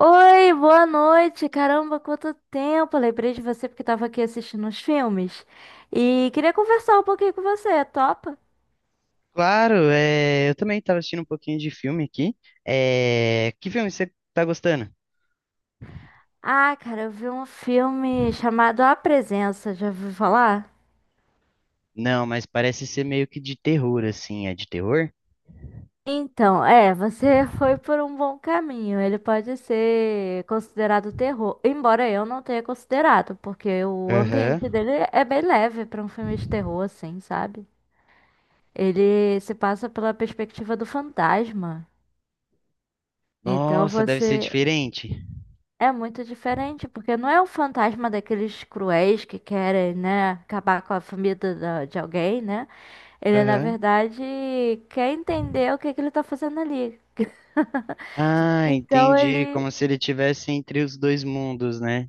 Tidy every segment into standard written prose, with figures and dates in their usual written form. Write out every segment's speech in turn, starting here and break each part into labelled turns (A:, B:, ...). A: Oi, boa noite. Caramba, quanto tempo! Lembrei de você porque tava aqui assistindo uns filmes e queria conversar um pouquinho com você, topa?
B: Claro, é, eu também estava assistindo um pouquinho de filme aqui. É, que filme você tá gostando?
A: Ah, cara, eu vi um filme chamado A Presença, já ouviu falar?
B: Não, mas parece ser meio que de terror, assim. É de terror?
A: Então, você foi por um bom caminho. Ele pode ser considerado terror, embora eu não tenha considerado, porque o ambiente
B: Aham.
A: dele é bem leve pra um filme de terror, assim, sabe? Ele se passa pela perspectiva do fantasma. Então
B: Nossa, deve ser
A: você.
B: diferente.
A: É muito diferente, porque não é o fantasma daqueles cruéis que querem, né, acabar com a família de alguém, né? Ele, na
B: Aham.
A: verdade, quer entender o que que ele tá fazendo ali.
B: Ah,
A: Então
B: entendi.
A: ele.
B: Como se ele tivesse entre os dois mundos, né?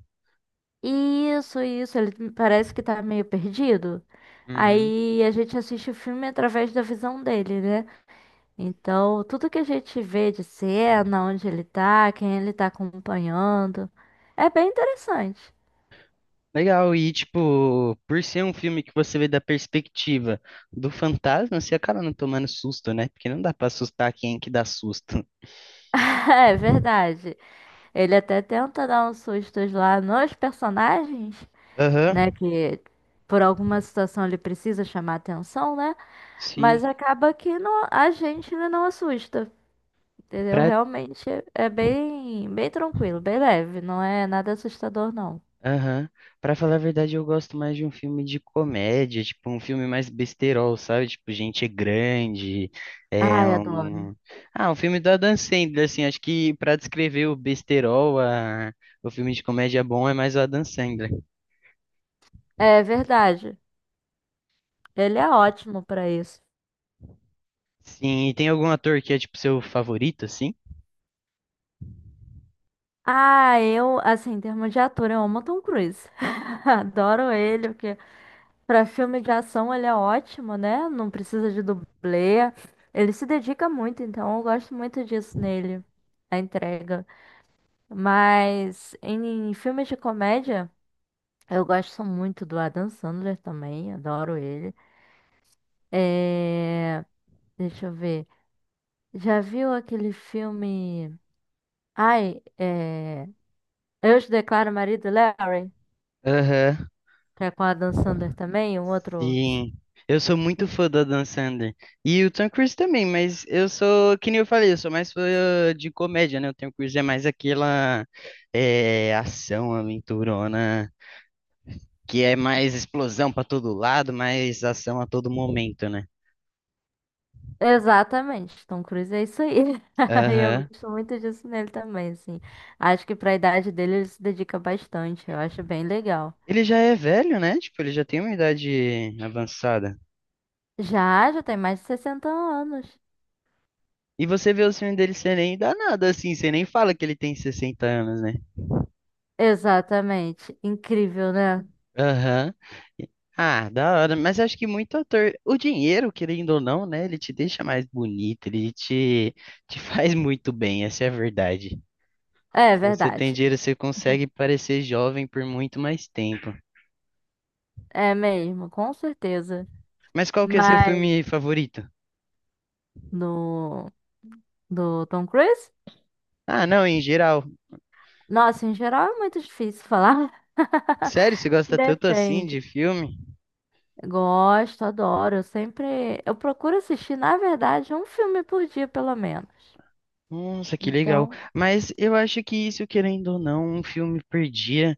A: Isso, ele parece que tá meio perdido.
B: Uhum.
A: Aí a gente assiste o filme através da visão dele, né? Então, tudo que a gente vê de cena, onde ele tá, quem ele tá acompanhando, é bem interessante.
B: Legal, e tipo, por ser um filme que você vê da perspectiva do fantasma, você acaba não tomando susto, né? Porque não dá pra assustar quem que dá susto.
A: É verdade. Ele até tenta dar uns sustos lá nos personagens, né?
B: Aham.
A: Que por alguma situação ele precisa chamar atenção, né?
B: Sim.
A: Mas acaba que não- a gente ele não assusta, entendeu?
B: Pra
A: Realmente é bem, bem tranquilo, bem leve, não é nada assustador, não.
B: Aham. Pra falar a verdade, eu gosto mais de um filme de comédia, tipo um filme mais besterol, sabe? Tipo, gente grande, é
A: Ai, adoro.
B: um... Ah, um filme do Adam Sandler, assim, acho que pra descrever o besterol, o filme de comédia bom é mais o Adam Sandler.
A: É verdade. Ele é ótimo pra isso.
B: Sim, e tem algum ator que é, tipo, seu favorito, assim?
A: Ah, eu, assim, em termos de ator, eu amo o Tom Cruise. Adoro ele, porque pra filme de ação ele é ótimo, né? Não precisa de dublê. Ele se dedica muito, então eu gosto muito disso nele, a entrega. Mas em filmes de comédia, eu gosto muito do Adam Sandler também, adoro ele. É. Deixa eu ver. Já viu aquele filme. Ai, é. Eu te declaro marido, Larry,
B: Aham.
A: que é com o Adam Sandler também, um outro.
B: Sim, eu sou muito fã do Adam Sandler. E o Tom Cruise também, mas eu sou, que nem eu falei, eu sou mais fã de comédia, né? O Tom Cruise é mais aquela é, ação aventurona, que é mais explosão pra todo lado, mais ação a todo momento, né?
A: Exatamente, Tom Cruise é isso aí. E eu
B: Aham.
A: gosto muito disso nele também, assim. Acho que pra idade dele ele se dedica bastante, eu acho bem legal.
B: Ele já é velho, né? Tipo, ele já tem uma idade avançada.
A: Já, já tem mais de 60 anos.
B: E você vê o filme dele, você nem dá nada assim, você nem fala que ele tem 60 anos, né?
A: Exatamente. Incrível, né?
B: Aham. E- Ah, da hora. Mas eu acho que muito ator. O dinheiro, querendo ou não, né? Ele te deixa mais bonito, ele te faz muito bem, essa é a verdade.
A: É
B: Se você tem
A: verdade.
B: dinheiro, você consegue parecer jovem por muito mais tempo.
A: É mesmo, com certeza.
B: Mas qual que é seu
A: Mas
B: filme favorito?
A: no do Tom Cruise?
B: Ah, não, em geral.
A: Nossa, em geral é muito difícil falar.
B: Sério, você gosta tanto assim de
A: Depende.
B: filme?
A: Gosto, adoro. Eu sempre. Eu procuro assistir, na verdade, um filme por dia, pelo menos.
B: Nossa, que legal.
A: Então,
B: Mas eu acho que isso, querendo ou não, um filme perdia.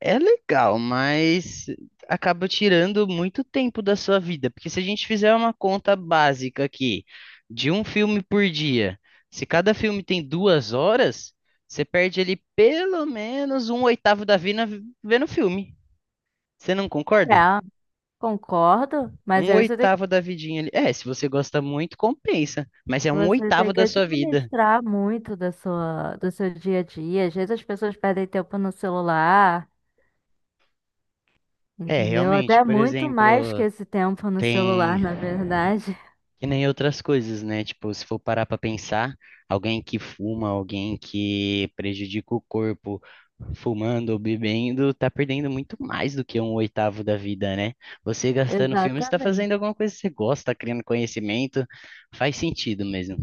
B: É legal, mas acaba tirando muito tempo da sua vida, porque se a gente fizer uma conta básica aqui de um filme por dia, se cada filme tem 2 horas, você perde ali pelo menos um oitavo da vida vendo filme. Você não concorda?
A: é, concordo, mas
B: Um
A: aí você tem que,
B: oitavo da vidinha ali. É, se você gosta muito, compensa, mas é um
A: você tem
B: oitavo
A: que
B: da sua vida.
A: administrar muito da sua, do seu dia a dia. Às vezes as pessoas perdem tempo no celular,
B: É,
A: entendeu?
B: realmente,
A: Até
B: por
A: muito mais que
B: exemplo,
A: esse tempo no celular,
B: tem
A: na verdade.
B: E nem outras coisas, né? Tipo, se for parar pra pensar, alguém que fuma, alguém que prejudica o corpo fumando ou bebendo, tá perdendo muito mais do que um oitavo da vida, né? Você gastando filme, você tá fazendo
A: Exatamente.
B: alguma coisa que você gosta, tá criando conhecimento, faz sentido mesmo.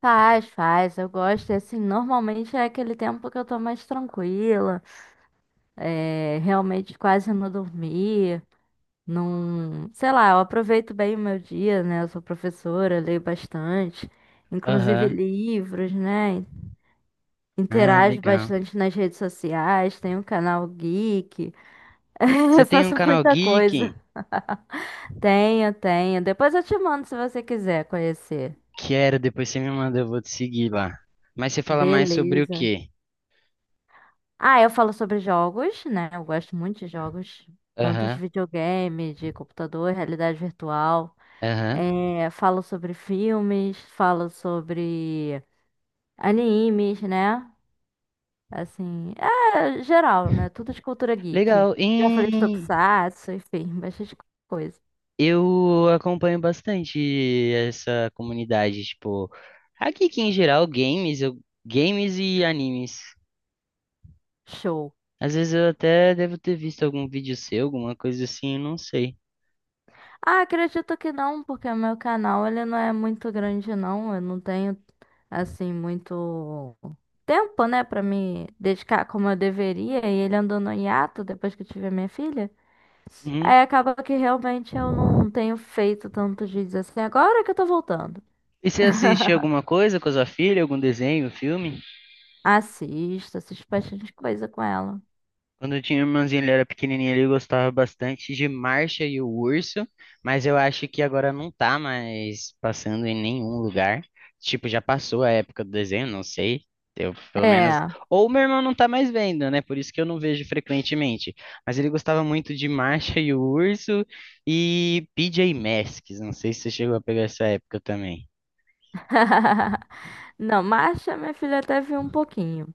A: Faz, faz, eu gosto. E, assim, normalmente é aquele tempo que eu tô mais tranquila, realmente quase não dormi. Não, sei lá, eu aproveito bem o meu dia, né? Eu sou professora, leio bastante, inclusive
B: Aham.
A: livros, né?
B: Ah,
A: Interajo
B: legal.
A: bastante nas redes sociais, tenho um canal geek, eu
B: Você tem um
A: faço
B: canal
A: muita
B: geek?
A: coisa. Tenho, tenho. Depois eu te mando se você quiser conhecer.
B: Quero, depois você me manda, eu vou te seguir lá. Mas você fala mais sobre o
A: Beleza.
B: quê?
A: Ah, eu falo sobre jogos, né? Eu gosto muito de jogos, tanto
B: Aham,
A: de videogame, de computador, realidade virtual.
B: aham.
A: É, falo sobre filmes, falo sobre animes, né? Assim, é geral, né? Tudo de cultura geek.
B: Legal.
A: Já falei de tokusatsu, enfim, bastante coisa.
B: Eu acompanho bastante essa comunidade, tipo, aqui que em geral games, games e animes.
A: Show.
B: Às vezes eu até devo ter visto algum vídeo seu, alguma coisa assim, eu não sei.
A: Ah, acredito que não, porque o meu canal ele não é muito grande, não. Eu não tenho, assim, muito tempo, né, pra me dedicar como eu deveria. E ele andou no hiato depois que eu tive a minha filha.
B: Uhum.
A: Aí acaba que realmente eu não tenho feito tantos vídeos assim. Agora que eu tô voltando.
B: E você assiste alguma coisa com a sua filha, algum desenho, filme?
A: Assisto, assisto bastante coisa com ela.
B: Quando eu tinha irmãzinho, ele era pequenininho, ele gostava bastante de Marcha e o Urso, mas eu acho que agora não tá mais passando em nenhum lugar. Tipo, já passou a época do desenho, não sei. Eu, pelo menos.
A: É.
B: Ou meu irmão não tá mais vendo, né? Por isso que eu não vejo frequentemente. Mas ele gostava muito de Marcha e o Urso e PJ Masks. Não sei se você chegou a pegar essa época também.
A: Não, Marcha minha filha até viu um pouquinho.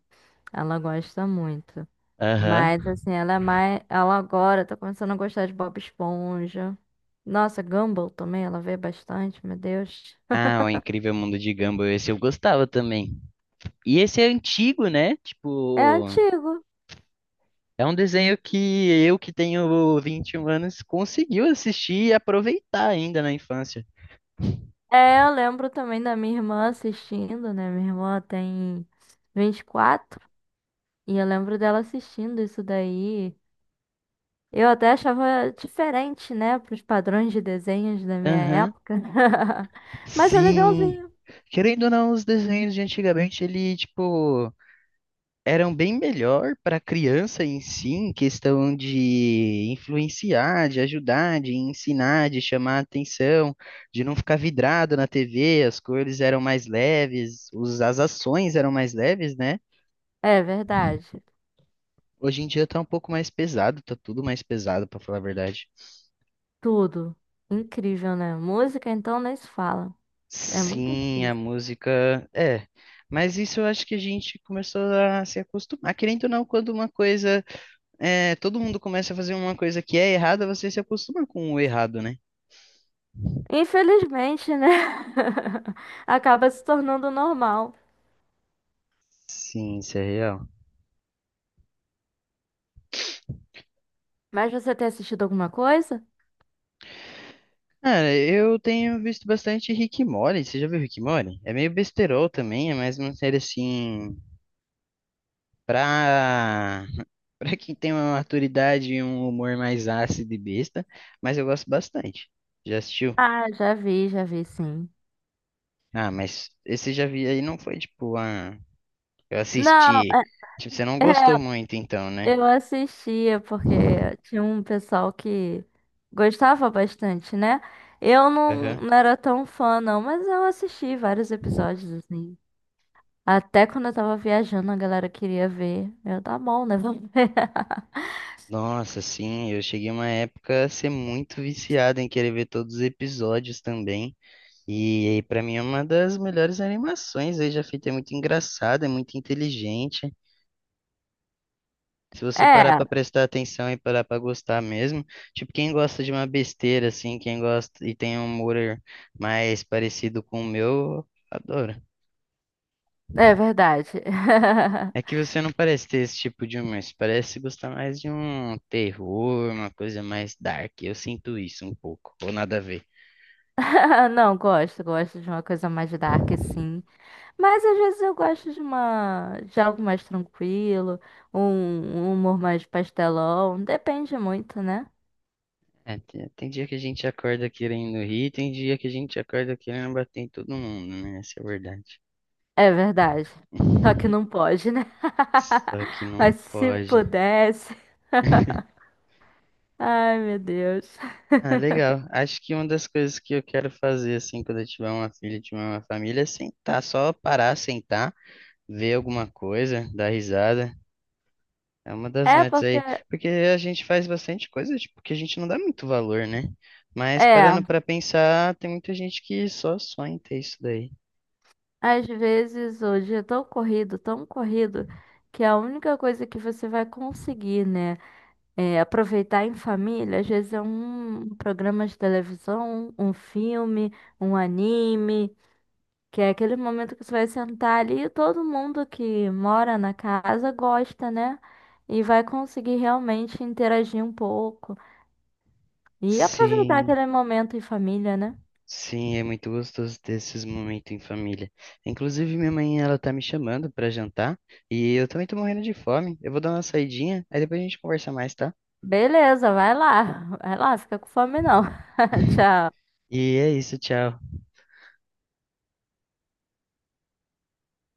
A: Ela gosta muito.
B: Aham.
A: Mas assim, ela é mais. Ela agora tá começando a gostar de Bob Esponja. Nossa, Gumball também, ela vê bastante, meu Deus.
B: Ah, o Incrível Mundo de Gumball, esse eu gostava também. E esse é antigo, né?
A: É
B: Tipo.
A: antigo.
B: É um desenho que eu, que tenho 21 anos, conseguiu assistir e aproveitar ainda na infância.
A: É, eu lembro também da minha irmã assistindo, né? Minha irmã tem 24 e eu lembro dela assistindo isso daí. Eu até achava diferente, né, para os padrões de desenhos da minha
B: Aham.
A: época. Mas é
B: Sim.
A: legalzinho.
B: Querendo ou não, os desenhos de antigamente, ele, tipo, eram bem melhor para criança em si, em questão de influenciar, de ajudar, de ensinar, de chamar atenção, de não ficar vidrado na TV, as cores eram mais leves, as ações eram mais leves, né?
A: É verdade.
B: Hoje em dia tá um pouco mais pesado, tá tudo mais pesado, para falar a verdade.
A: Tudo. Incrível, né? Música, então, nem se fala. É muito
B: Sim, a
A: difícil.
B: música é. Mas isso eu acho que a gente começou a se acostumar. Querendo ou não, quando uma coisa. É, todo mundo começa a fazer uma coisa que é errada, você se acostuma com o errado, né?
A: Infelizmente, né? Acaba se tornando normal.
B: Sim, isso é real.
A: Mas você tem assistido alguma coisa?
B: Cara, eu tenho visto bastante Rick e Morty. Você já viu Rick e Morty? É meio besterol também, é mais uma série assim. Pra. Pra quem tem uma maturidade e um humor mais ácido e besta. Mas eu gosto bastante. Já assistiu?
A: Ah, já vi, sim.
B: Ah, mas esse já vi aí não foi tipo, ah, eu
A: Não,
B: assisti.
A: é.
B: Tipo, você não
A: é
B: gostou muito então, né?
A: Eu assistia porque tinha um pessoal que gostava bastante, né? Eu não,
B: Aham.
A: não era tão fã, não, mas eu assisti vários episódios, assim. Até quando eu tava viajando, a galera queria ver. Eu, tá bom, né? Vamos ver.
B: Nossa, sim, eu cheguei uma época a ser muito viciado em querer ver todos os episódios também. E aí, pra mim é uma das melhores animações aí já feita, é muito engraçada, é muito inteligente. Se você parar
A: É,
B: pra prestar atenção e parar pra gostar mesmo, tipo, quem gosta de uma besteira assim, quem gosta e tem um humor mais parecido com o meu, adora.
A: é verdade.
B: É que você não parece ter esse tipo de humor, você parece gostar mais de um terror, uma coisa mais dark. Eu sinto isso um pouco, ou nada a ver.
A: Não, gosto, gosto de uma coisa mais dark, sim. Mas às vezes eu gosto de uma, de algo mais tranquilo, um, um humor mais pastelão. Depende muito, né?
B: É, tem dia que a gente acorda querendo rir, tem dia que a gente acorda querendo bater em todo mundo, né? Essa é a verdade.
A: É verdade. Só que não pode, né?
B: Só que não
A: Mas se
B: pode.
A: pudesse. Ai, meu Deus.
B: Ah, legal. Acho que uma das coisas que eu quero fazer, assim, quando eu tiver uma filha, tiver uma família, é sentar, só parar, sentar, ver alguma coisa, dar risada. É uma das
A: É
B: metas
A: porque,
B: aí, porque a gente faz bastante coisa, tipo, que a gente não dá muito valor, né? Mas
A: é,
B: parando pra pensar, tem muita gente que só sonha em ter isso daí.
A: às vezes hoje é tão corrido, que a única coisa que você vai conseguir, né, é aproveitar em família, às vezes é um programa de televisão, um filme, um anime, que é aquele momento que você vai sentar ali e todo mundo que mora na casa gosta, né? E vai conseguir realmente interagir um pouco e aproveitar
B: Sim,
A: aquele momento em família, né?
B: sim, é muito gostoso ter esses momentos em família. Inclusive, minha mãe, ela tá me chamando pra jantar e eu também tô morrendo de fome. Eu vou dar uma saidinha, aí depois a gente conversa mais, tá?
A: Beleza, vai lá. Vai lá, fica com fome não. Tchau.
B: E é isso, tchau.